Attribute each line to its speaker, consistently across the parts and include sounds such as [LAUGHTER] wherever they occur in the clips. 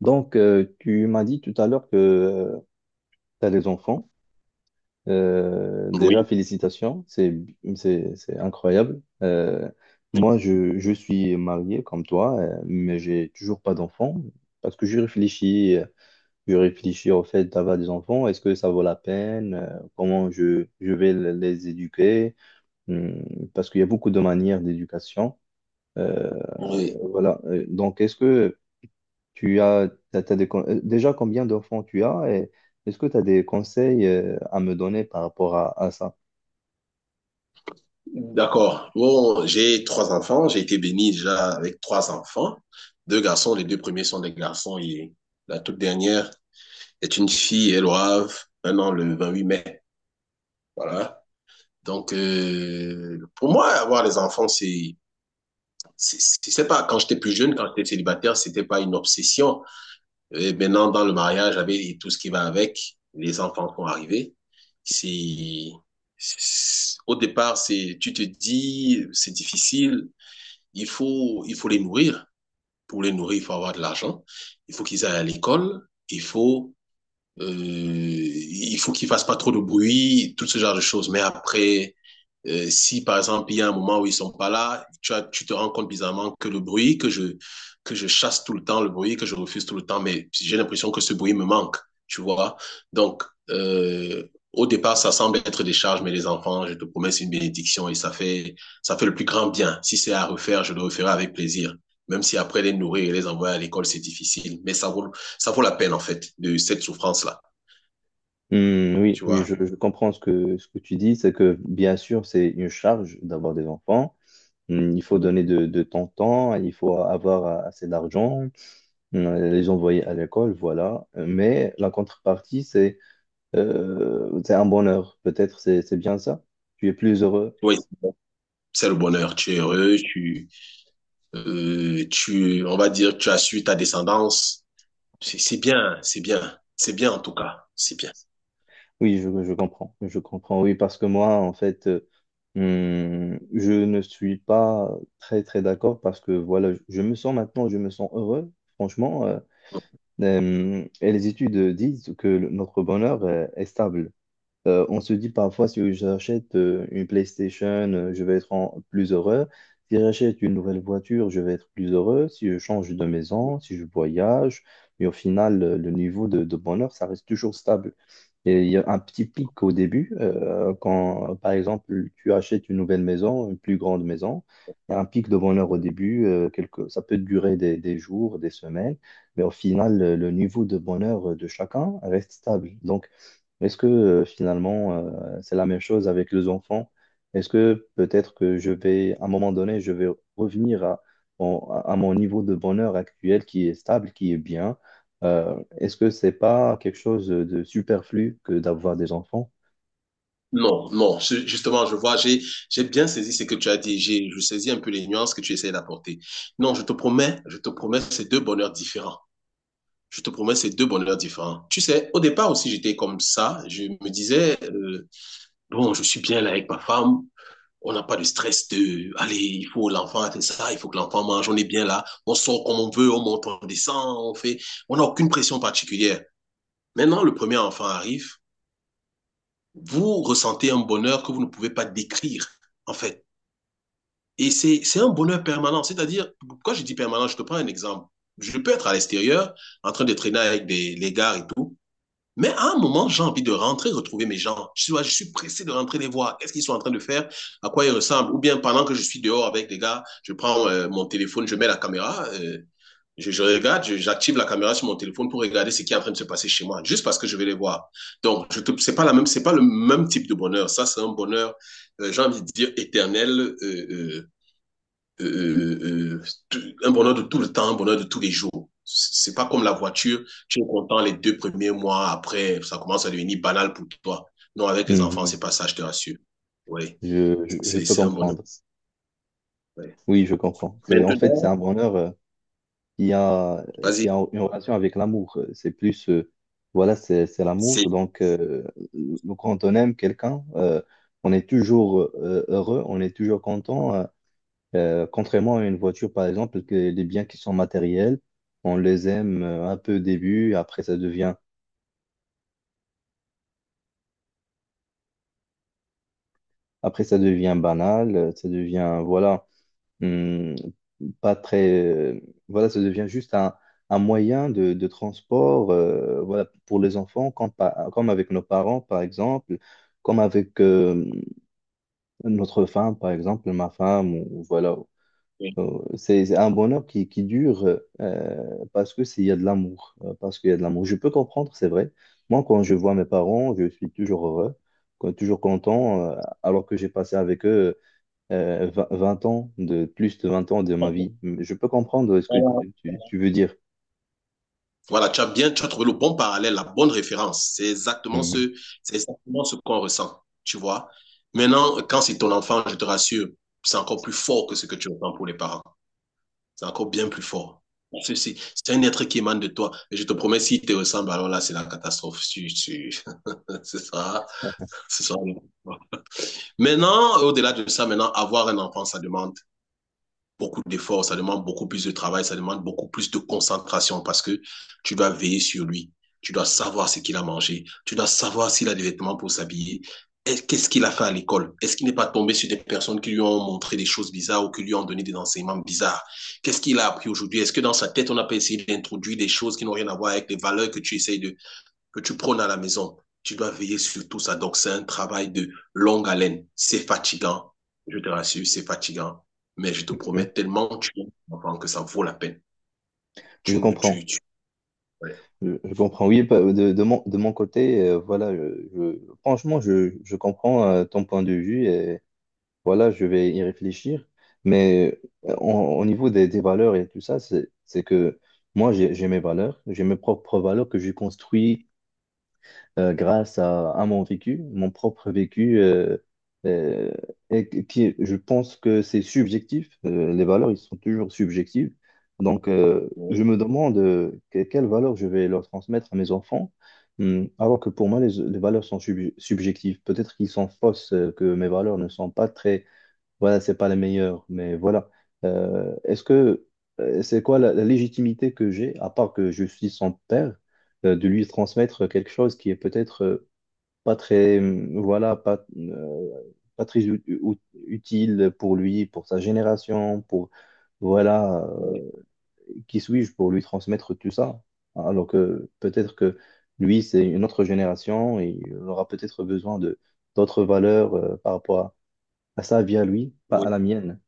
Speaker 1: Tu m'as dit tout à l'heure que tu as des enfants. Déjà,
Speaker 2: Oui,
Speaker 1: félicitations, c'est incroyable. Moi, je suis marié comme toi, mais j'ai toujours pas d'enfants parce que je réfléchis au fait d'avoir des enfants. Est-ce que ça vaut la peine? Comment je vais les éduquer? Hum. Parce qu'il y a beaucoup de manières d'éducation. Euh,
Speaker 2: oui.
Speaker 1: voilà. Donc, est-ce que Tu as, t'as- t'as des con- déjà combien d'enfants tu as et est-ce que tu as des conseils à me donner par rapport à ça?
Speaker 2: D'accord. Bon, j'ai trois enfants. J'ai été béni déjà avec trois enfants. Deux garçons. Les deux premiers sont des garçons et la toute dernière est une fille. Elle aura 1 an le 8 mai. Voilà. Donc, pour moi, avoir des enfants, c'est je sais pas, quand j'étais plus jeune, quand j'étais célibataire, c'était pas une obsession. Et maintenant, dans le mariage, avec tout ce qui va avec, les enfants vont arriver. C'est, Au départ, tu te dis, c'est difficile. Il faut les nourrir. Pour les nourrir, il faut avoir de l'argent. Il faut qu'ils aillent à l'école. Il faut qu'il fasse pas trop de bruit, tout ce genre de choses. Mais après, si par exemple il y a un moment où ils sont pas là, tu tu te rends compte bizarrement que le bruit que je chasse tout le temps, le bruit que je refuse tout le temps, mais j'ai l'impression que ce bruit me manque, tu vois. Donc euh, au départ, ça semble être des charges, mais les enfants, je te promets, c'est une bénédiction et ça fait le plus grand bien. Si c'est à refaire, je le referai avec plaisir. Même si après les nourrir et les envoyer à l'école, c'est difficile, mais ça vaut la peine, en fait, de cette souffrance-là,
Speaker 1: Hmm, oui,
Speaker 2: tu
Speaker 1: oui,
Speaker 2: vois.
Speaker 1: je comprends ce ce que tu dis, c'est que bien sûr, c'est une charge d'avoir des enfants. Hmm. Il faut
Speaker 2: Euh,
Speaker 1: donner de ton temps, il faut avoir assez d'argent, hmm, les envoyer à l'école, voilà. Mais la contrepartie, c'est un bonheur. Peut-être c'est bien ça. Tu es plus heureux.
Speaker 2: Oui, c'est le bonheur. Tu es heureux, tu, on va dire, tu as su ta descendance. C'est bien, c'est bien, c'est bien en tout cas, c'est bien.
Speaker 1: Oui, je comprends. Je comprends, oui, parce que moi, en fait, je ne suis pas très, très d'accord parce que, voilà, je me sens maintenant, je me sens heureux, franchement. Et les études disent que notre bonheur, est stable. On se dit parfois, si j'achète une PlayStation, je vais être plus heureux. Si j'achète une nouvelle voiture, je vais être plus heureux. Si je change de maison, si je voyage. Mais au final, le niveau de bonheur, ça reste toujours stable. Et il y a un petit pic au début, quand, par exemple, tu achètes une nouvelle maison, une plus grande maison. Il y a un pic de bonheur au début, ça peut durer des jours, des semaines, mais au final, le niveau de bonheur de chacun reste stable. Donc, est-ce que finalement, c'est la même chose avec les enfants? Est-ce que peut-être que je vais, à un moment donné, je vais revenir à mon niveau de bonheur actuel qui est stable, qui est bien? Est-ce que c'est pas quelque chose de superflu que d'avoir des enfants?
Speaker 2: Non, non, justement, je vois, j'ai bien saisi ce que tu as dit, je saisis un peu les nuances que tu essayes d'apporter. Non, je te promets, c'est deux bonheurs différents. Je te promets, c'est deux bonheurs différents. Tu sais, au départ aussi, j'étais comme ça. Je me disais, bon, je suis bien là avec ma femme. On n'a pas de stress de, allez, il faut l'enfant fait ça, il faut que l'enfant mange, on est bien là, on sort comme on veut, on monte, on descend, on fait, on n'a aucune pression particulière. Maintenant, le premier enfant arrive, vous ressentez un bonheur que vous ne pouvez pas décrire, en fait. Et c'est un bonheur permanent. C'est-à-dire, quand je dis permanent, je te prends un exemple. Je peux être à l'extérieur, en train de traîner avec des, les gars et tout. Mais à un moment, j'ai envie de rentrer, retrouver mes gens. Je suis pressé de rentrer les voir. Qu'est-ce qu'ils sont en train de faire? À quoi ils ressemblent? Ou bien pendant que je suis dehors avec les gars, je prends mon téléphone, je mets la caméra, j'active la caméra sur mon téléphone pour regarder ce qui est en train de se passer chez moi, juste parce que je vais les voir. Donc, c'est pas la même, c'est pas le même type de bonheur. Ça, c'est un bonheur, j'ai envie de dire éternel, euh, un bonheur de tout le temps, un bonheur de tous les jours. C'est pas comme la voiture, tu es content les deux premiers mois, après, ça commence à devenir banal pour toi. Non, avec les enfants,
Speaker 1: Mhm.
Speaker 2: c'est pas ça, je te rassure. Oui,
Speaker 1: Je
Speaker 2: c'est
Speaker 1: peux
Speaker 2: c'est un bonheur.
Speaker 1: comprendre.
Speaker 2: Ouais.
Speaker 1: Oui, je comprends. C'est, en fait, c'est
Speaker 2: Maintenant,
Speaker 1: un bonheur. Qui a, qui
Speaker 2: vas-y,
Speaker 1: a une relation avec l'amour. C'est plus, voilà, c'est
Speaker 2: c'est.
Speaker 1: l'amour. Donc, quand on aime quelqu'un, on est toujours heureux, on est toujours content. Contrairement à une voiture, par exemple, que les biens qui sont matériels, on les aime un peu au début, après ça devient banal, ça devient, voilà. hum, Pas très. Voilà, ça devient juste un moyen de transport voilà, pour les enfants, comme, comme avec nos parents, par exemple, comme avec notre femme, par exemple, ma femme, ou voilà. C'est un bonheur qui dure il y a de l'amour, parce qu'il y a de l'amour. Je peux comprendre, c'est vrai. Moi, quand je vois mes parents, je suis toujours heureux, toujours content, alors que j'ai passé avec eux 20 ans, de plus de 20 ans de ma vie. Je peux comprendre ce que
Speaker 2: Voilà,
Speaker 1: tu veux dire.
Speaker 2: voilà, tu as trouvé le bon parallèle, la bonne référence.
Speaker 1: Mhm,
Speaker 2: C'est exactement ce qu'on ressent, tu vois. Maintenant, quand c'est ton enfant, je te rassure, c'est encore plus fort que ce que tu ressens pour les parents. C'est encore bien plus fort. C'est un être qui émane de toi. Et je te promets, s'il te ressemble, alors là, c'est la catastrophe. [LAUGHS] C'est ça. C'est ça. Maintenant, au-delà de ça, maintenant, avoir un enfant, ça demande beaucoup d'efforts, ça demande beaucoup plus de travail, ça demande beaucoup plus de concentration parce que tu dois veiller sur lui. Tu dois savoir ce qu'il a mangé. Tu dois savoir s'il a des vêtements pour s'habiller. Qu'est-ce qu'il a fait à l'école? Est-ce qu'il n'est pas tombé sur des personnes qui lui ont montré des choses bizarres ou qui lui ont donné des enseignements bizarres? Qu'est-ce qu'il a appris aujourd'hui? Est-ce que dans sa tête, on n'a pas essayé d'introduire des choses qui n'ont rien à voir avec les valeurs que tu essayes de, que tu prônes à la maison? Tu dois veiller sur tout ça. Donc, c'est un travail de longue haleine. C'est fatigant. Je te rassure, c'est fatigant. Mais je te
Speaker 1: mhm.
Speaker 2: promets tellement tu que ça vaut la peine.
Speaker 1: Je
Speaker 2: Tu ne, tu,
Speaker 1: comprends.
Speaker 2: tu... Ouais.
Speaker 1: Je comprends. Oui, de mon côté, voilà, franchement, je comprends ton point de vue et voilà, je vais y réfléchir. Mais
Speaker 2: Ouais.
Speaker 1: au niveau des valeurs et tout ça, c'est que moi, j'ai mes valeurs, j'ai mes propres valeurs que j'ai construites grâce à mon vécu, mon propre vécu, euh, et qui, je pense que c'est subjectif. Les valeurs, ils sont toujours subjectives. Donc, je me demande quelles valeurs je vais leur transmettre à mes enfants. Alors que pour moi, les valeurs sont subjectives. Peut-être qu'ils sont fausses, que mes valeurs ne sont pas très, voilà, c'est pas la meilleure, mais voilà. Est-ce que c'est quoi la légitimité que j'ai, à part que je suis son père, de lui transmettre quelque chose qui est peut-être pas très, voilà, pas, pas très ut- ut- utile pour lui, pour sa génération, pour voilà,
Speaker 2: Ouais.
Speaker 1: qui suis-je pour lui transmettre tout ça? Alors que peut-être que lui, c'est une autre génération et il aura peut-être besoin de d'autres valeurs par rapport à sa vie à lui, pas
Speaker 2: Oui,
Speaker 1: à la mienne.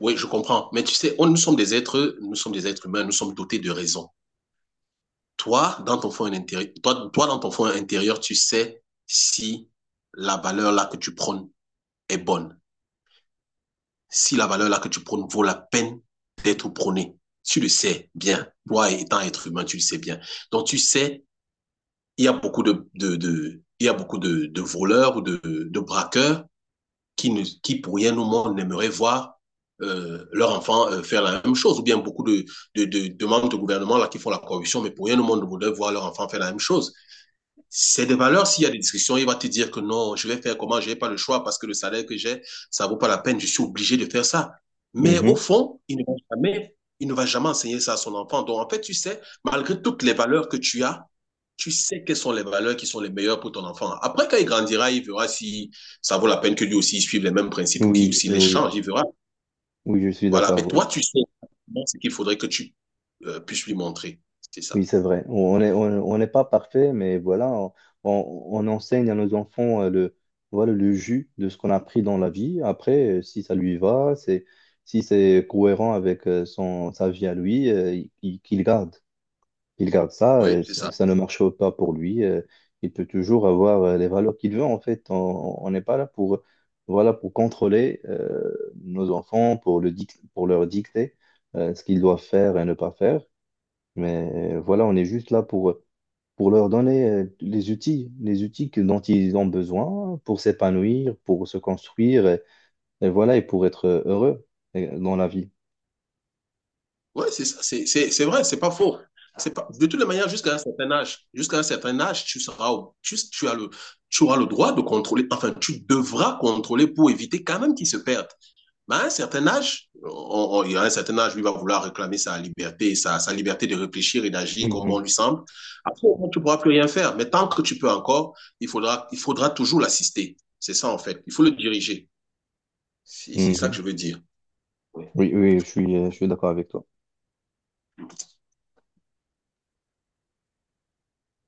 Speaker 2: oui, je comprends. Mais tu sais, on, nous sommes des êtres, nous sommes des êtres humains, nous sommes dotés de raison. Toi, dans ton fond intérieur, toi, toi dans ton fond intérieur, tu sais si la valeur là que tu prônes est bonne. Si la valeur là que tu prônes vaut la peine d'être prônée. Tu le sais bien. Toi, étant être humain, tu le sais bien. Donc, tu sais, il y a beaucoup de il y a beaucoup de voleurs ou de braqueurs qui, pour rien au monde, n'aimeraient voir leur enfant faire la même chose. Ou bien beaucoup de membres du gouvernement là, qui font la corruption, mais pour rien au monde ne voudraient voir leur enfant faire la même chose. C'est des valeurs, s'il y a des discussions, il va te dire que non, je vais faire comment, je n'ai pas le choix parce que le salaire que j'ai, ça ne vaut pas la peine, je suis obligé de faire ça. Mais au
Speaker 1: Mhm.
Speaker 2: fond, il ne va jamais enseigner ça à son enfant. Donc en fait, tu sais, malgré toutes les valeurs que tu as, tu sais quelles sont les valeurs qui sont les meilleures pour ton enfant. Après, quand il grandira, il verra si ça vaut la peine que lui aussi il suive les mêmes principes ou qu'il
Speaker 1: Oui,
Speaker 2: aussi les
Speaker 1: oui,
Speaker 2: change, il verra.
Speaker 1: oui, je suis
Speaker 2: Voilà,
Speaker 1: d'accord,
Speaker 2: mais toi,
Speaker 1: oui.
Speaker 2: tu sais ce qu'il faudrait que tu puisses lui montrer. C'est
Speaker 1: Oui,
Speaker 2: ça.
Speaker 1: c'est vrai. On n'est pas parfait, mais voilà, on- on enseigne à nos enfants voilà, le jus de ce qu'on a appris dans la vie. Après, si ça lui va, c'est, si c'est cohérent avec sa vie à lui, qu'il garde. Il garde ça,
Speaker 2: Oui,
Speaker 1: et
Speaker 2: c'est
Speaker 1: si
Speaker 2: ça.
Speaker 1: ça ne marche pas pour lui, il peut toujours avoir les valeurs qu'il veut. En fait, on n'est pas là pour, voilà, pour contrôler nos enfants, pour leur dicter ce qu'ils doivent faire et ne pas faire. Mais voilà, on est juste là pour leur donner les outils, dont ils ont besoin pour s'épanouir, pour se construire, et voilà, et pour être heureux dans la vie.
Speaker 2: Oui, c'est ça, c'est vrai, c'est pas faux. C'est pas, de toutes les manières, jusqu'à un certain âge, jusqu'à un certain âge, tu seras, tu tu auras le droit de contrôler, enfin, tu devras contrôler pour éviter quand même qu'ils se perdent. Mais à un certain âge, il y a un certain âge, lui va vouloir réclamer sa liberté, sa liberté de réfléchir et d'agir comme bon
Speaker 1: Mhm.
Speaker 2: lui semble. Après, au moins, tu ne pourras plus rien faire. Mais tant que tu peux encore, il faudra toujours l'assister. C'est ça, en fait. Il faut le diriger. C'est ça que
Speaker 1: Mhm.
Speaker 2: je veux dire.
Speaker 1: Oui, oui, je suis d'accord avec toi.